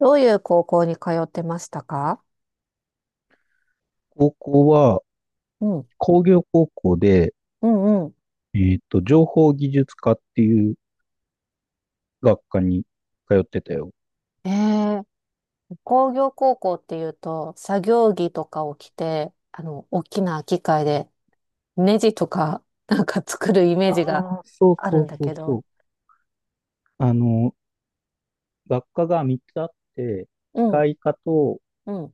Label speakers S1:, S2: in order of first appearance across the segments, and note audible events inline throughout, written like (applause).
S1: どういう高校に通ってましたか？
S2: 高校は
S1: うん。
S2: 工業高校で、
S1: うんうん。
S2: 情報技術科っていう学科に通ってたよ。
S1: ええ。工業高校っていうと、作業着とかを着て、大きな機械で、ネジとか、(laughs) なんか作るイメー
S2: あ
S1: ジが
S2: あ、そう
S1: ある
S2: そ
S1: ん
S2: う
S1: だ
S2: そう
S1: け
S2: そ
S1: ど。
S2: う。あの、学科が3つあって、
S1: う
S2: 機
S1: ん、
S2: 械科と、
S1: うん、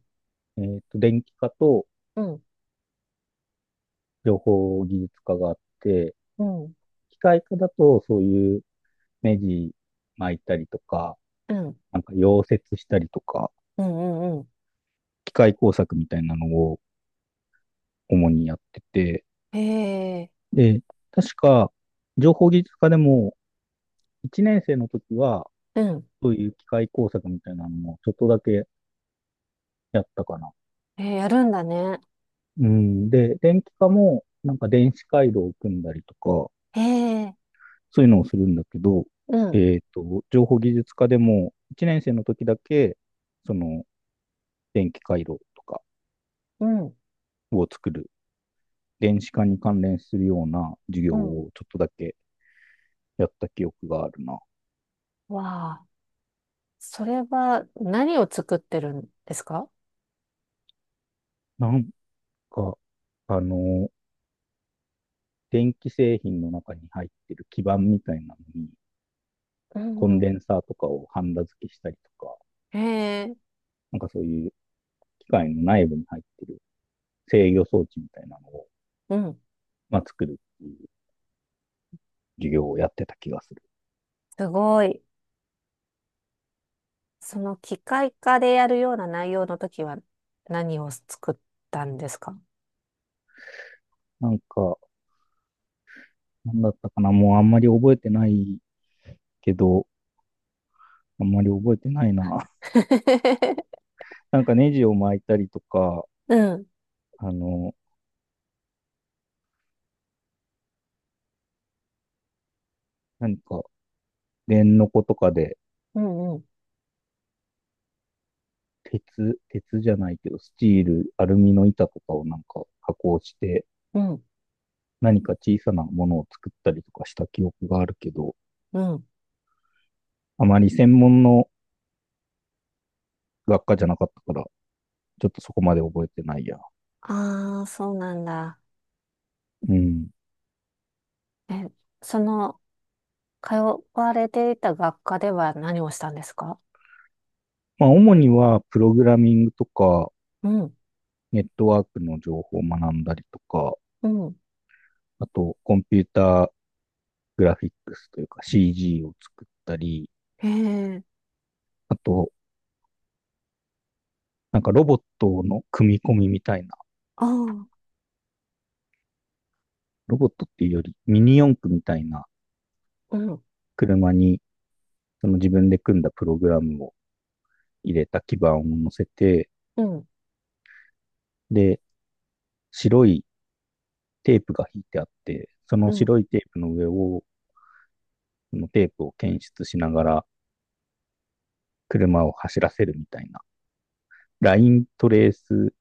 S2: 電気科と
S1: うん、
S2: 情報技術科があって、
S1: うん、
S2: 機械科だとそういう目ジ巻いたりとか、
S1: うん、うん、
S2: なんか溶接したりとか、
S1: うん、うん。
S2: 機械工作みたいなのを主にやってて、
S1: ええ。
S2: で、確か情報技術科でも一年生の時は、
S1: うん。
S2: そういう機械工作みたいなのもちょっとだけやったかな。
S1: ええ、やるんだね。
S2: うん。で、電気科も、なんか電子回路を組んだりとか、
S1: ええ。
S2: そういうのをするんだけど、
S1: うん、
S2: 情報技術科でも、一年生の時だけ、その、電気回路とか
S1: うん、
S2: を作る、電子化に関連するような授業
S1: うん。
S2: をちょっとだけやった記憶があるな。
S1: わあ、それは何を作ってるんですか？
S2: なんか、あの、電気製品の中に入ってる基板みたいなのに、
S1: うん、
S2: コン
S1: うん。
S2: デンサーとかをハンダ付けしたりとか、
S1: ええ。
S2: なんかそういう機械の内部に入ってる制御装置みたいなのを、
S1: うん。
S2: まあ、作るっていう授業をやってた気がする。
S1: すごい。その機械化でやるような内容の時は何を作ったんですか？
S2: なんか、なんだったかなもうあんまり覚えてないけど、あんまり覚えてないな。
S1: (laughs)
S2: (laughs) なんかネジを巻いたりとか、
S1: うん。
S2: あの、何か電の子とかで
S1: うん、うん、
S2: 鉄じゃないけど、スチール、アルミの板とかをなんか加工して、
S1: うん、
S2: 何か小さなものを作ったりとかした記憶があるけど、
S1: うん。
S2: あまり専門の学科じゃなかったから、ちょっとそこまで覚えてないや。
S1: ああ、そうなんだ。
S2: うん。
S1: え、その、通われていた学科では何をしたんですか？
S2: まあ、主には、プログラミングとか、
S1: うん、
S2: ネットワークの情報を学んだりとか、
S1: うん。
S2: あと、コンピューターグラフィックスというか CG を作ったり、
S1: へえ、
S2: あと、なんかロボットの組み込みみたいな、
S1: ああ、
S2: ロボットっていうよりミニ四駆みたいな
S1: うん、
S2: 車に、その自分で組んだプログラムを入れた基板を乗せて、
S1: うん、
S2: で、白いテープが引いてあって、そ
S1: う
S2: の
S1: ん、
S2: 白いテープの上をそのテープを検出しながら車を走らせるみたいな、ライントレース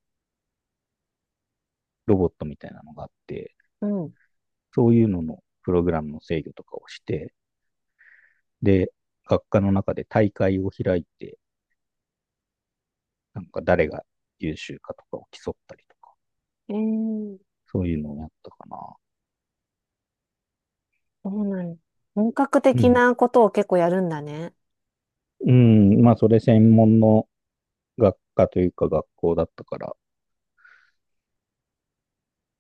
S2: ロボットみたいなのがあって、
S1: うん。
S2: そういうののプログラムの制御とかをして、で、学科の中で大会を開いて、なんか誰が優秀かとかを競ったりとか、
S1: ええ、
S2: そういうのをやったかな。
S1: そうなん。本格
S2: う
S1: 的
S2: ん。
S1: なことを結構やるんだね。
S2: うん、まあ、それ専門の学科というか学校だったから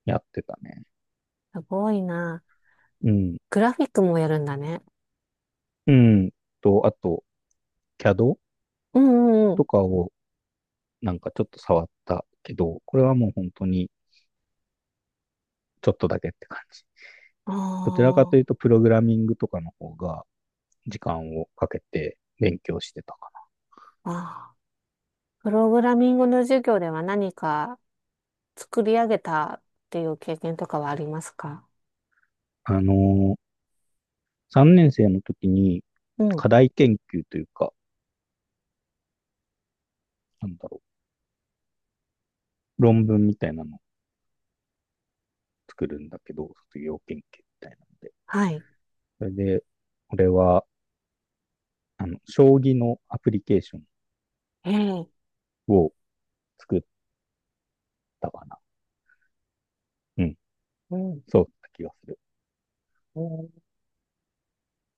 S2: やってたね。
S1: すごいな。
S2: うん。
S1: グラフィックもやるんだね。
S2: うん。と、あと、CAD
S1: うんうん。
S2: とかをなんかちょっと触ったけど、これはもう本当にちょっとだけって感じ。
S1: あ
S2: どちらかというと、プログラミングとかの方が時間をかけて勉強してたか
S1: あ、ああ。プログラミングの授業では何か作り上げたっていう経験とかはありますか？
S2: な。ー、3年生の時に
S1: うん。
S2: 課題研究というか、なんだろう、論文みたいなのを作るんだけど、卒業研究みたいなので。
S1: はい。
S2: それで、俺は、将棋のアプリケーション
S1: ええ。
S2: を作ったかな。うん、
S1: うん、
S2: そうだった気がする。
S1: うん。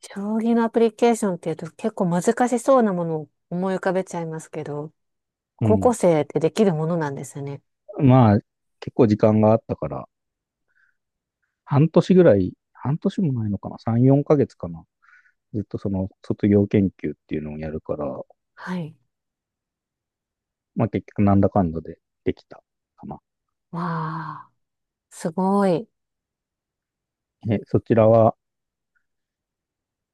S1: 将棋のアプリケーションっていうと結構難しそうなものを思い浮かべちゃいますけど、
S2: う
S1: 高校
S2: ん。
S1: 生ってできるものなんですよね。
S2: まあ、結構時間があったから、半年ぐらい、半年もないのかな、3、4ヶ月かな。ずっとその卒業研究っていうのをやるから、
S1: はい。
S2: まあ結局なんだかんだでできたかな。
S1: わあ、すごい。
S2: え、そちらは、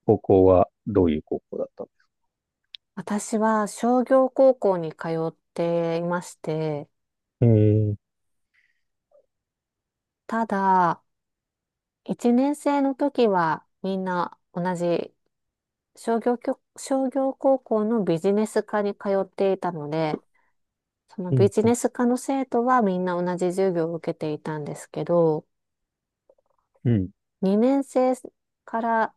S2: 高校はどういう高校だったの？
S1: 私は商業高校に通っていまして、
S2: えー、
S1: ただ、1年生の時はみんな同じ商業高校のビジネス科に通っていたので、その
S2: う
S1: ビ
S2: ん、
S1: ジネス
S2: ん
S1: 科の生徒はみんな同じ授業を受けていたんですけど、
S2: うん。
S1: 2年生から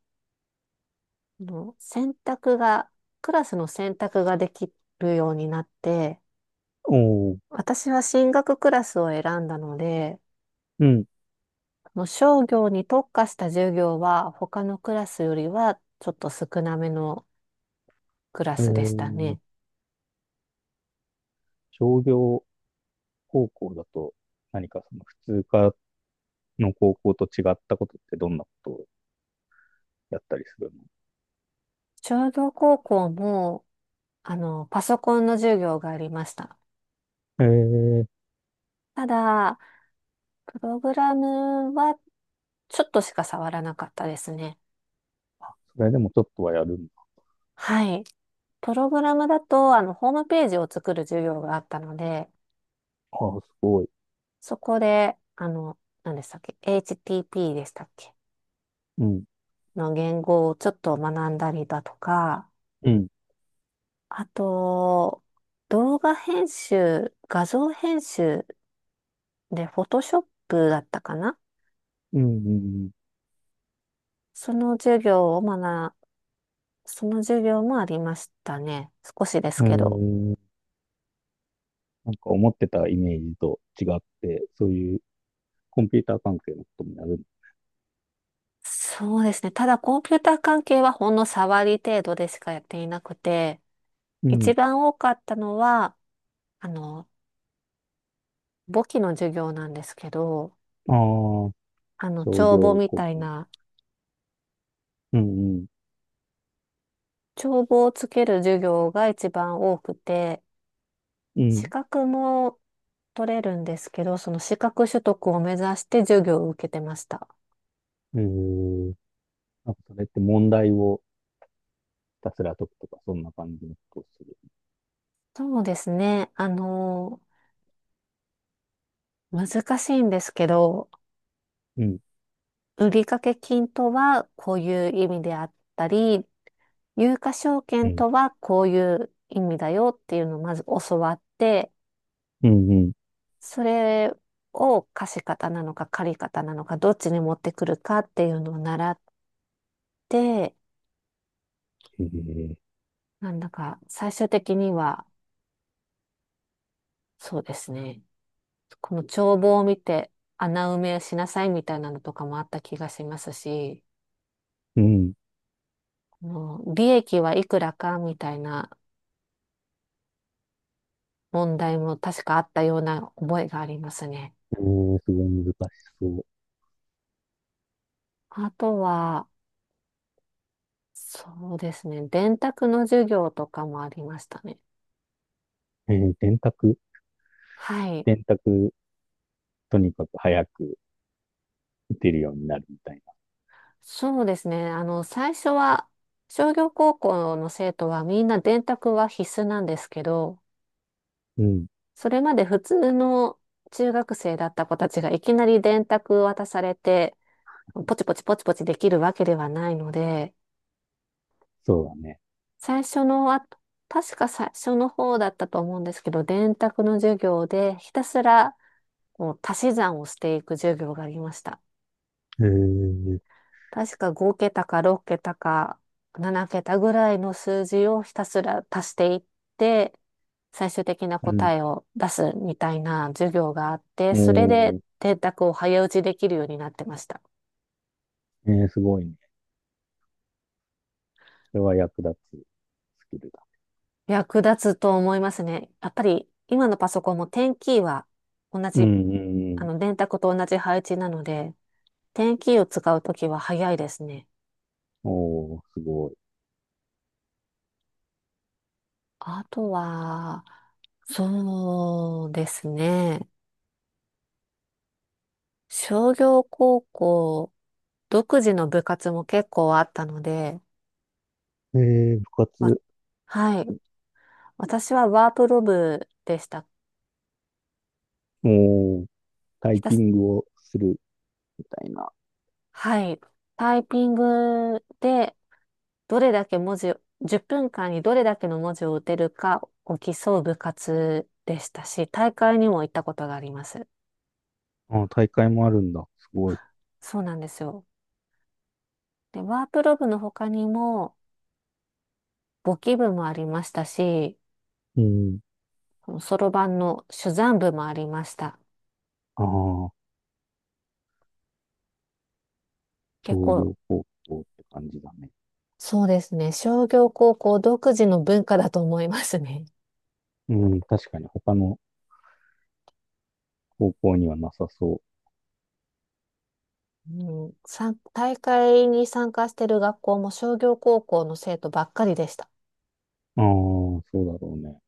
S1: の選択が、クラスの選択ができるようになって、
S2: おー
S1: 私は進学クラスを選んだので、
S2: うん。
S1: その商業に特化した授業は他のクラスよりはちょっと少なめのクラ
S2: え
S1: スでした
S2: ー、
S1: ね。
S2: 商業高校だと、何かその普通科の高校と違ったことってどんなことをやったりするの？
S1: 商業高校もパソコンの授業がありました。
S2: えー、
S1: ただ、プログラムはちょっとしか触らなかったですね。
S2: それでもちょっとはやるんだ。
S1: はい。プログラムだと、ホームページを作る授業があったので、
S2: ああ、すごい。
S1: そこで、何でしたっけ ?HTP でしたっけ
S2: うん。
S1: の言語をちょっと学んだりだとか、
S2: うん。
S1: あと、動画編集、画像編集で、フォトショップだったかな、
S2: うん。うんうん。
S1: その授業を学その授業もありましたね。少しです
S2: え
S1: けど。
S2: ー、なんか思ってたイメージと違って、そういうコンピューター関係のこともやる。
S1: そうですね。ただコンピューター関係はほんの触り程度でしかやっていなくて、
S2: うん。
S1: 一番多かったのは、あの、簿記の授業なんですけど、
S2: ああ、商
S1: 帳簿
S2: 業
S1: み
S2: 高
S1: たい
S2: 校。
S1: な、
S2: うんうん。
S1: 帳簿をつける授業が一番多くて、
S2: う
S1: 資
S2: ん。
S1: 格も取れるんですけど、その資格取得を目指して授業を受けてました。
S2: えー、なんかそれって問題をひたすら解くとか、そんな感じのことをする。
S1: そうですね。難しいんですけど、
S2: うん。
S1: 売掛金とはこういう意味であったり、有価証
S2: う
S1: 券
S2: ん。
S1: とはこういう意味だよっていうのをまず教わって、
S2: うんうん。
S1: それを貸方なのか借方なのかどっちに持ってくるかっていうのを習って、
S2: えー、
S1: なんだか最終的にはそうですね、この帳簿を見て穴埋めしなさいみたいなのとかもあった気がしますし、
S2: うん。
S1: この利益はいくらかみたいな問題も確かあったような覚えがありますね。
S2: えー、すごい難しそう。
S1: あとは、そうですね、電卓の授業とかもありましたね。
S2: えー、電卓。
S1: はい。
S2: 電卓、とにかく早く打てるようになるみたい
S1: そうですね。最初は、商業高校の生徒はみんな電卓は必須なんですけど、
S2: な。うん。
S1: それまで普通の中学生だった子たちがいきなり電卓渡されて、ポチポチポチポチできるわけではないので、
S2: そうだね。
S1: 最初のあ、確か最初の方だったと思うんですけど、電卓の授業でひたすらこう足し算をしていく授業がありました。
S2: えー、
S1: 確か5桁か6桁か7桁ぐらいの数字をひたすら足していって、最終的な
S2: うん。
S1: 答えを出すみたいな授業があって、それ
S2: お
S1: で
S2: ー、
S1: 電卓を早打ちできるようになってました。
S2: えー、すごいね。それは役立つスキルだ。
S1: 役立つと思いますね。やっぱり今のパソコンもテンキーは同
S2: うん
S1: じ、
S2: うんう
S1: あ
S2: ん。
S1: の電卓と同じ配置なので、テンキーを使うときは早いですね。
S2: おー、すご
S1: あとは、そうですね。商業高校、独自の部活も結構あったので、
S2: い。えー、部
S1: わ
S2: 活、
S1: はい。私はワープロ部でした。
S2: もう、タ
S1: ひ
S2: イ
S1: た
S2: ピ
S1: す、
S2: ングをするみたいな。
S1: はい。タイピングで、どれだけ文字を、10分間にどれだけの文字を打てるかを競う部活でしたし、大会にも行ったことがあります。
S2: ああ、大会もあるんだ。すごい。
S1: そうなんですよ。で、ワープロ部の他にも、簿記部もありましたし、
S2: うん。
S1: そのそろばんの珠算部もありました。
S2: ああ、
S1: 結
S2: 商
S1: 構、
S2: 業高校って感じだね。
S1: そうですね。商業高校独自の文化だと思いますね。
S2: うん。確かに他の高校にはなさそ
S1: うん、大会に参加してる学校も商業高校の生徒ばっかりでした。
S2: う。ああ、そうだろうね。